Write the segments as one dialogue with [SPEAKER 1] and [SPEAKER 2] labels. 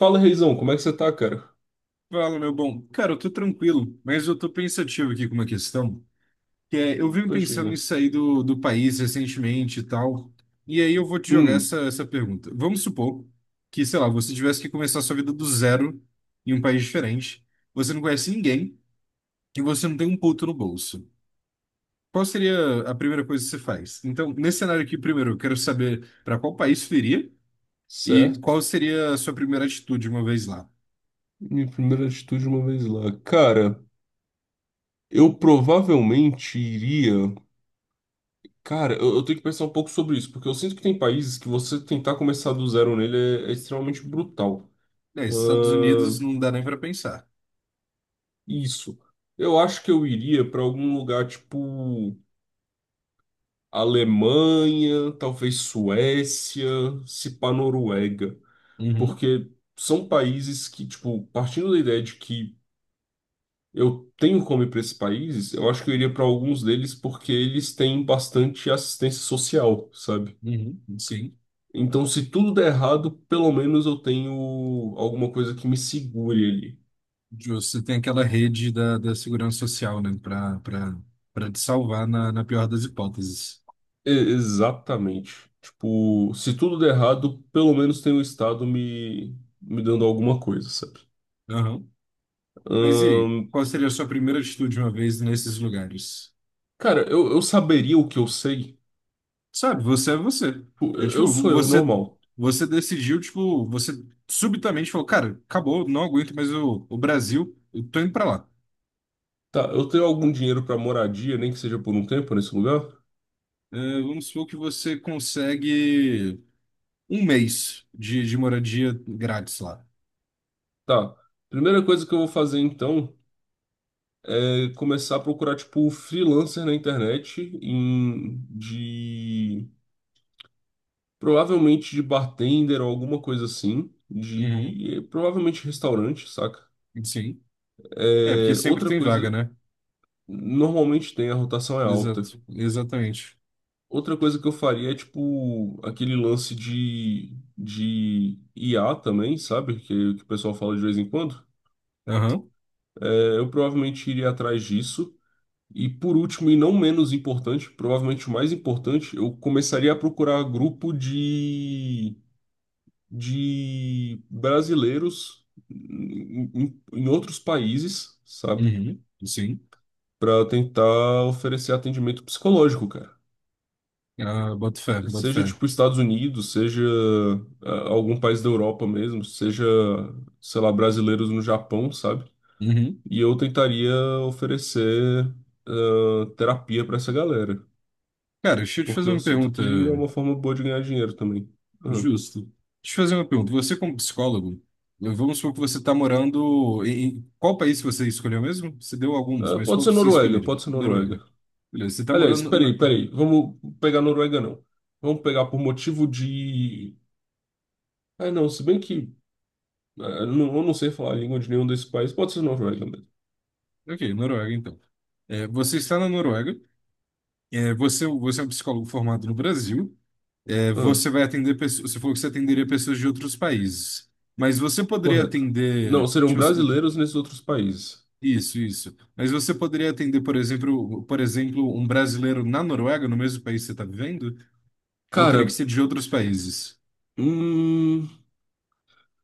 [SPEAKER 1] Fala, Reizão, como é que você tá, cara?
[SPEAKER 2] Fala, meu bom. Cara, eu tô tranquilo, mas eu tô pensativo aqui com uma questão, que é, eu vim
[SPEAKER 1] Pô, chega.
[SPEAKER 2] pensando em sair do país recentemente e tal, e aí eu vou te jogar
[SPEAKER 1] Hum,
[SPEAKER 2] essa pergunta. Vamos supor que, sei lá, você tivesse que começar a sua vida do zero em um país diferente, você não conhece ninguém e você não tem um puto no bolso. Qual seria a primeira coisa que você faz? Então, nesse cenário aqui, primeiro, eu quero saber para qual país você iria e qual
[SPEAKER 1] certo.
[SPEAKER 2] seria a sua primeira atitude uma vez lá.
[SPEAKER 1] Minha primeira atitude uma vez lá. Cara, eu provavelmente iria. Cara, eu tenho que pensar um pouco sobre isso, porque eu sinto que tem países que você tentar começar do zero nele é extremamente brutal.
[SPEAKER 2] É, Estados Unidos
[SPEAKER 1] Ahn,
[SPEAKER 2] não dá nem para pensar.
[SPEAKER 1] isso. Eu acho que eu iria pra algum lugar tipo Alemanha, talvez Suécia, se pá Noruega. Porque são países que, tipo, partindo da ideia de que eu tenho como ir para esses países, eu acho que eu iria para alguns deles porque eles têm bastante assistência social, sabe?
[SPEAKER 2] Uhum, sim.
[SPEAKER 1] Então, se tudo der errado, pelo menos eu tenho alguma coisa que me segure ali.
[SPEAKER 2] Justo. Você tem aquela rede da segurança social, né? para pra te salvar na pior das hipóteses.
[SPEAKER 1] E- exatamente. Tipo, se tudo der errado, pelo menos tem o Estado me, me dando alguma coisa, sabe?
[SPEAKER 2] Aham. Mas e aí?
[SPEAKER 1] Ahn,
[SPEAKER 2] Qual seria a sua primeira atitude uma vez nesses lugares?
[SPEAKER 1] cara, eu saberia o que eu sei.
[SPEAKER 2] Sabe, você.
[SPEAKER 1] Tipo,
[SPEAKER 2] É
[SPEAKER 1] eu
[SPEAKER 2] tipo,
[SPEAKER 1] sou eu
[SPEAKER 2] você,
[SPEAKER 1] normal.
[SPEAKER 2] você decidiu, tipo, você subitamente falou, cara, acabou, não aguento mais o Brasil, eu tô indo pra lá.
[SPEAKER 1] Tá, eu tenho algum dinheiro para moradia, nem que seja por um tempo nesse lugar?
[SPEAKER 2] É, vamos supor que você consegue um mês de moradia grátis lá.
[SPEAKER 1] Tá. Primeira coisa que eu vou fazer então é começar a procurar tipo um freelancer na internet em de provavelmente de bartender ou alguma coisa assim,
[SPEAKER 2] Uhum,
[SPEAKER 1] de provavelmente restaurante, saca?
[SPEAKER 2] sim. É, porque
[SPEAKER 1] É,
[SPEAKER 2] sempre
[SPEAKER 1] outra
[SPEAKER 2] tem vaga,
[SPEAKER 1] coisa,
[SPEAKER 2] né?
[SPEAKER 1] normalmente tem a rotação é alta.
[SPEAKER 2] Exato, exatamente.
[SPEAKER 1] Outra coisa que eu faria é tipo aquele lance de IA também, sabe? Que o pessoal fala de vez em quando.
[SPEAKER 2] Aham,
[SPEAKER 1] É, eu provavelmente iria atrás disso. E por último, e não menos importante, provavelmente o mais importante, eu começaria a procurar grupo de, de brasileiros em outros países, sabe?
[SPEAKER 2] uhum, sim.
[SPEAKER 1] Para tentar oferecer atendimento psicológico, cara.
[SPEAKER 2] Ah, boto fé, boto
[SPEAKER 1] Seja
[SPEAKER 2] fé.
[SPEAKER 1] tipo Estados Unidos, seja ah, algum país da Europa mesmo, seja, sei lá, brasileiros no Japão, sabe?
[SPEAKER 2] Uhum.
[SPEAKER 1] E eu tentaria oferecer ah, terapia para essa galera.
[SPEAKER 2] Cara, deixa eu te
[SPEAKER 1] Porque
[SPEAKER 2] fazer
[SPEAKER 1] eu
[SPEAKER 2] uma
[SPEAKER 1] sinto
[SPEAKER 2] pergunta,
[SPEAKER 1] que é uma forma boa de ganhar dinheiro também. Aham.
[SPEAKER 2] justo. Deixa eu te fazer uma pergunta. Você, como psicólogo, vamos supor que você está morando em... em- Qual país que você escolheu mesmo? Você deu alguns,
[SPEAKER 1] Ah,
[SPEAKER 2] mas
[SPEAKER 1] pode
[SPEAKER 2] qual
[SPEAKER 1] ser
[SPEAKER 2] que você
[SPEAKER 1] Noruega,
[SPEAKER 2] escolheria?
[SPEAKER 1] pode ser
[SPEAKER 2] Noruega.
[SPEAKER 1] Noruega.
[SPEAKER 2] Beleza, você está
[SPEAKER 1] Aliás,
[SPEAKER 2] morando na...
[SPEAKER 1] peraí, peraí, vamos pegar Noruega não. Vamos pegar por motivo de... Ah, não, se bem que ah, não, eu não sei falar a língua de nenhum desses países, pode ser Noruega mesmo.
[SPEAKER 2] Ok, Noruega, então. É, você está na Noruega, é, você, você é um psicólogo formado no Brasil.
[SPEAKER 1] Ah,
[SPEAKER 2] Você vai atender pessoas. Você falou que você atenderia pessoas de outros países. Mas você poderia
[SPEAKER 1] correto. Não,
[SPEAKER 2] atender,
[SPEAKER 1] serão
[SPEAKER 2] tipo, se-
[SPEAKER 1] brasileiros nesses outros países.
[SPEAKER 2] isso, isso. Mas você poderia atender, por exemplo, um brasileiro na Noruega, no mesmo país que você está vivendo? Ou teria que
[SPEAKER 1] Cara,
[SPEAKER 2] ser de outros países?
[SPEAKER 1] hum,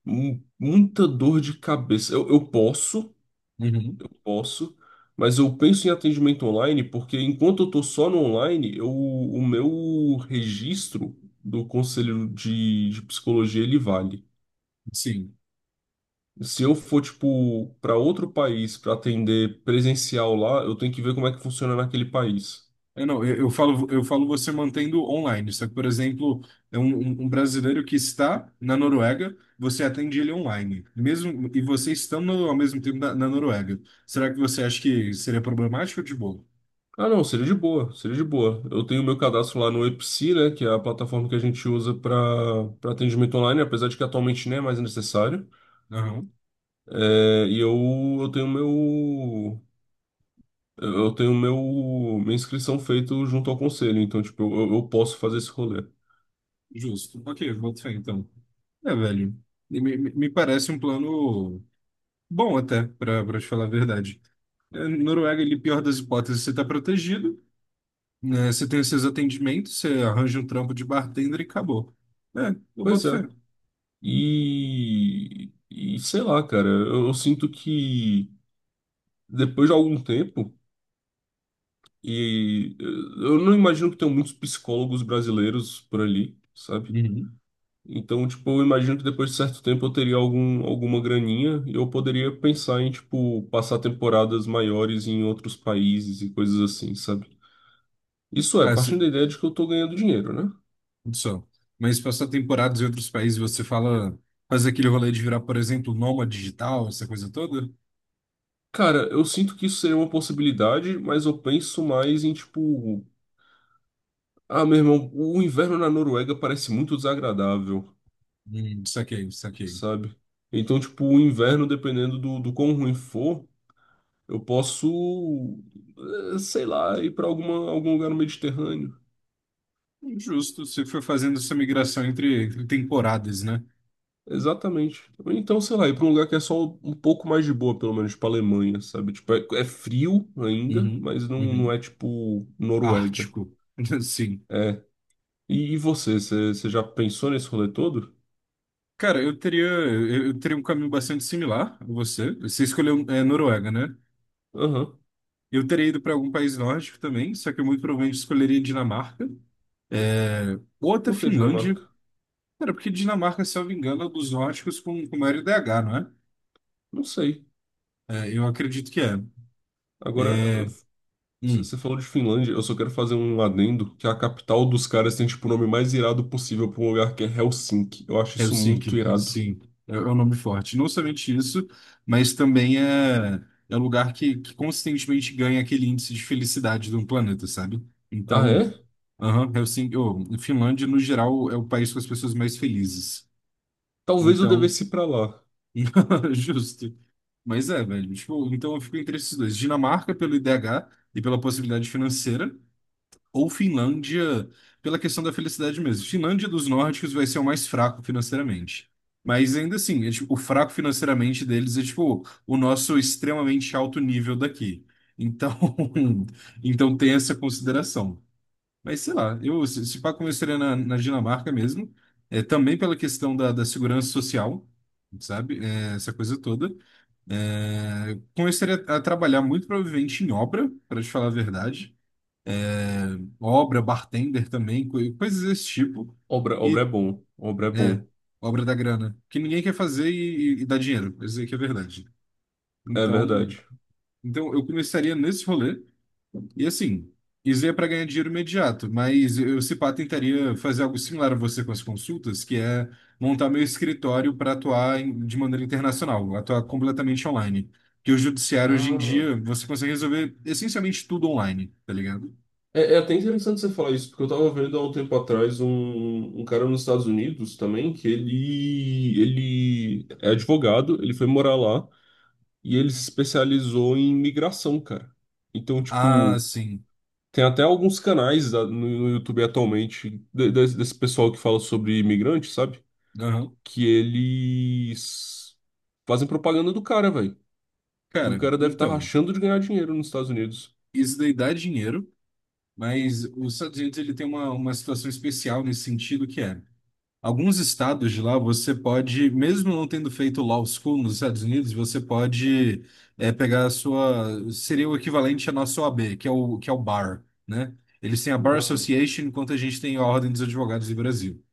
[SPEAKER 1] mu- muita dor de cabeça. Eu posso.
[SPEAKER 2] Uhum.
[SPEAKER 1] Posso, mas eu penso em atendimento online porque enquanto eu estou só no online, eu, o meu registro do conselho de psicologia ele vale.
[SPEAKER 2] Sim.
[SPEAKER 1] Se eu for, tipo, para outro país para atender presencial lá, eu tenho que ver como é que funciona naquele país.
[SPEAKER 2] Eu não, eu falo você mantendo online. Só que, por exemplo, é um, um brasileiro que está na Noruega, você atende ele online. Mesmo, e você estando ao mesmo tempo na Noruega. Será que você acha que seria problemático ou de boa?
[SPEAKER 1] Ah, não, seria de boa, seria de boa. Eu tenho meu cadastro lá no EPSI, né, que é a plataforma que a gente usa para para atendimento online, apesar de que atualmente nem é mais necessário.
[SPEAKER 2] Aham,
[SPEAKER 1] É, eu tenho meu Eu tenho meu, minha inscrição feita junto ao conselho, então, tipo, eu posso fazer esse rolê.
[SPEAKER 2] justo. Ok, boto fé então. É, velho, me, me parece um plano bom até, pra, pra te falar a verdade. É, Noruega, ele, pior das hipóteses, você tá protegido, né? Você tem os seus atendimentos, você arranja um trampo de bartender e acabou. É, eu
[SPEAKER 1] Pois
[SPEAKER 2] boto
[SPEAKER 1] é.
[SPEAKER 2] fé.
[SPEAKER 1] E sei lá, cara, eu sinto que depois de algum tempo, e eh, eu não imagino que tenham muitos psicólogos brasileiros por ali, sabe?
[SPEAKER 2] Uhum.
[SPEAKER 1] Então, tipo, eu imagino que depois de certo tempo eu teria algum, alguma graninha e eu poderia pensar em, tipo, passar temporadas maiores em outros países e coisas assim, sabe? Isso é,
[SPEAKER 2] Ah, se,
[SPEAKER 1] partindo da ideia de que eu tô ganhando dinheiro, né?
[SPEAKER 2] tudo só. Mas passar temporadas em outros países, você fala, faz aquele rolê de virar, por exemplo, nômade digital, essa coisa toda?
[SPEAKER 1] Cara, eu sinto que isso seria uma possibilidade, mas eu penso mais em tipo, ah, meu irmão, o inverno na Noruega parece muito desagradável,
[SPEAKER 2] Saquei, saquei.
[SPEAKER 1] sabe? Então, tipo, o inverno, dependendo do, do quão ruim for, eu posso, sei lá, ir pra alguma, algum lugar no Mediterrâneo.
[SPEAKER 2] Justo, você foi fazendo essa migração entre, entre temporadas, né?
[SPEAKER 1] Exatamente. Ou então, sei lá, ir pra um lugar que é só um pouco mais de boa, pelo menos, pra Alemanha, sabe? Tipo, é frio ainda,
[SPEAKER 2] Uhum,
[SPEAKER 1] mas não, não é
[SPEAKER 2] uhum.
[SPEAKER 1] tipo Noruega.
[SPEAKER 2] Ártico. Sim.
[SPEAKER 1] É. E você, você já pensou nesse rolê todo?
[SPEAKER 2] Cara, eu teria um caminho bastante similar a você. Você escolheu, é, Noruega, né?
[SPEAKER 1] Aham.
[SPEAKER 2] Eu teria ido para algum país nórdico também, só que eu muito provavelmente escolheria Dinamarca. É, ou até
[SPEAKER 1] Por que
[SPEAKER 2] Finlândia.
[SPEAKER 1] Dinamarca?
[SPEAKER 2] Cara, porque Dinamarca, se eu não me engano, é dos nórdicos com maior IDH, não é?
[SPEAKER 1] Não sei.
[SPEAKER 2] É, eu acredito que é.
[SPEAKER 1] Agora,
[SPEAKER 2] É, hum,
[SPEAKER 1] você falou de Finlândia, eu só quero fazer um adendo que é a capital dos caras tem tipo o nome mais irado possível pra um lugar que é Helsinki. Eu acho isso muito
[SPEAKER 2] Helsinki,
[SPEAKER 1] irado.
[SPEAKER 2] sim, é, é um nome forte. Não somente isso, mas também é, é um lugar que consistentemente ganha aquele índice de felicidade do planeta, sabe?
[SPEAKER 1] Ah,
[SPEAKER 2] Então,
[SPEAKER 1] é?
[SPEAKER 2] aham, Helsinki, oh, Finlândia, no geral, é o país com as pessoas mais felizes.
[SPEAKER 1] Talvez eu
[SPEAKER 2] Então,
[SPEAKER 1] devesse ir pra lá.
[SPEAKER 2] justo. Mas é, velho, tipo, então eu fico entre esses dois. Dinamarca pelo IDH e pela possibilidade financeira, ou Finlândia, pela questão da felicidade mesmo. Finlândia dos nórdicos vai ser o mais fraco financeiramente. Mas ainda assim, é, tipo, o fraco financeiramente deles é tipo o nosso extremamente alto nível daqui. Então, então tem essa consideração. Mas sei lá, eu se se pá começaria na Dinamarca mesmo, é, também pela questão da segurança social, sabe? É, essa coisa toda. É, começaria a trabalhar muito provavelmente em obra, para te falar a verdade. É, obra, bartender também, coi- coisas desse tipo.
[SPEAKER 1] Obra, obra é
[SPEAKER 2] E
[SPEAKER 1] bom. Obra é
[SPEAKER 2] é,
[SPEAKER 1] bom.
[SPEAKER 2] obra da grana, que ninguém quer fazer e, e dá dinheiro. Isso aí que é verdade.
[SPEAKER 1] É
[SPEAKER 2] Então,
[SPEAKER 1] verdade.
[SPEAKER 2] então eu começaria nesse rolê. E assim, isso é para ganhar dinheiro imediato, mas eu, se pá, tentaria fazer algo similar a você com as consultas, que é montar meu escritório para atuar em- de maneira internacional, atuar completamente online. Que o judiciário hoje em
[SPEAKER 1] Ah.
[SPEAKER 2] dia você consegue resolver essencialmente tudo online, tá ligado?
[SPEAKER 1] É, é até interessante você falar isso, porque eu tava vendo há um tempo atrás um, um cara nos Estados Unidos também, que ele é advogado, ele foi morar lá. E ele se especializou em migração, cara. Então,
[SPEAKER 2] Ah,
[SPEAKER 1] tipo,
[SPEAKER 2] sim.
[SPEAKER 1] tem até alguns canais da- no, no YouTube atualmente de- desse pessoal que fala sobre imigrante, sabe?
[SPEAKER 2] Aham.
[SPEAKER 1] Que eles fazem propaganda do cara, velho. E o
[SPEAKER 2] Cara,
[SPEAKER 1] cara deve estar
[SPEAKER 2] então,
[SPEAKER 1] rachando de ganhar dinheiro nos Estados Unidos.
[SPEAKER 2] isso daí dá dinheiro, mas os Estados Unidos ele tem uma situação especial nesse sentido que é, alguns estados de lá você pode, mesmo não tendo feito law school nos Estados Unidos, você pode é, pegar a sua, seria o equivalente à nossa OAB, que é o BAR, né? Eles têm a Bar
[SPEAKER 1] Aham,
[SPEAKER 2] Association, enquanto a gente tem a Ordem dos Advogados do Brasil.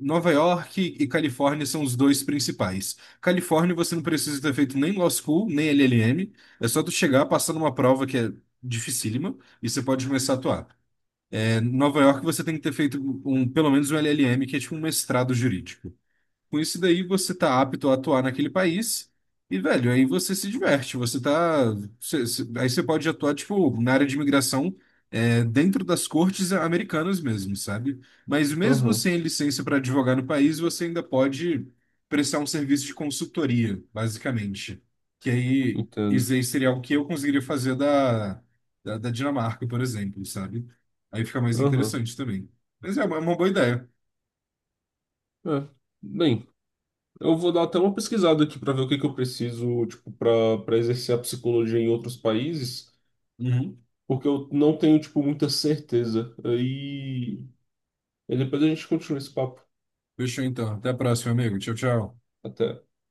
[SPEAKER 2] Nova York e Califórnia são os dois principais. Califórnia você não precisa ter feito nem Law School, nem LLM. É só tu chegar, passar numa prova que é dificílima e você pode começar a atuar. É, Nova York você tem que ter feito um, pelo menos um LLM, que é tipo um mestrado jurídico. Com isso daí você tá apto a atuar naquele país e, velho, aí você se diverte, você tá... cê- cê- aí você pode atuar, tipo, na área de imigração é, dentro das cortes americanas mesmo, sabe? Mas mesmo
[SPEAKER 1] aham,
[SPEAKER 2] sem licença para advogar no país, você ainda pode prestar um serviço de consultoria, basicamente. Que aí, isso
[SPEAKER 1] entendo.
[SPEAKER 2] aí seria algo que eu conseguiria fazer da, da, da Dinamarca, por exemplo, sabe? Aí fica mais
[SPEAKER 1] Aham,
[SPEAKER 2] interessante também. Mas é uma boa ideia.
[SPEAKER 1] é. Bem, eu vou dar até uma pesquisada aqui para ver o que que eu preciso, tipo, para para exercer a psicologia em outros países.
[SPEAKER 2] Uhum.
[SPEAKER 1] Porque eu não tenho, tipo, muita certeza. Aí, e depois a gente continua esse papo.
[SPEAKER 2] Fechou então. Até a próxima, amigo. Tchau, tchau.
[SPEAKER 1] Até.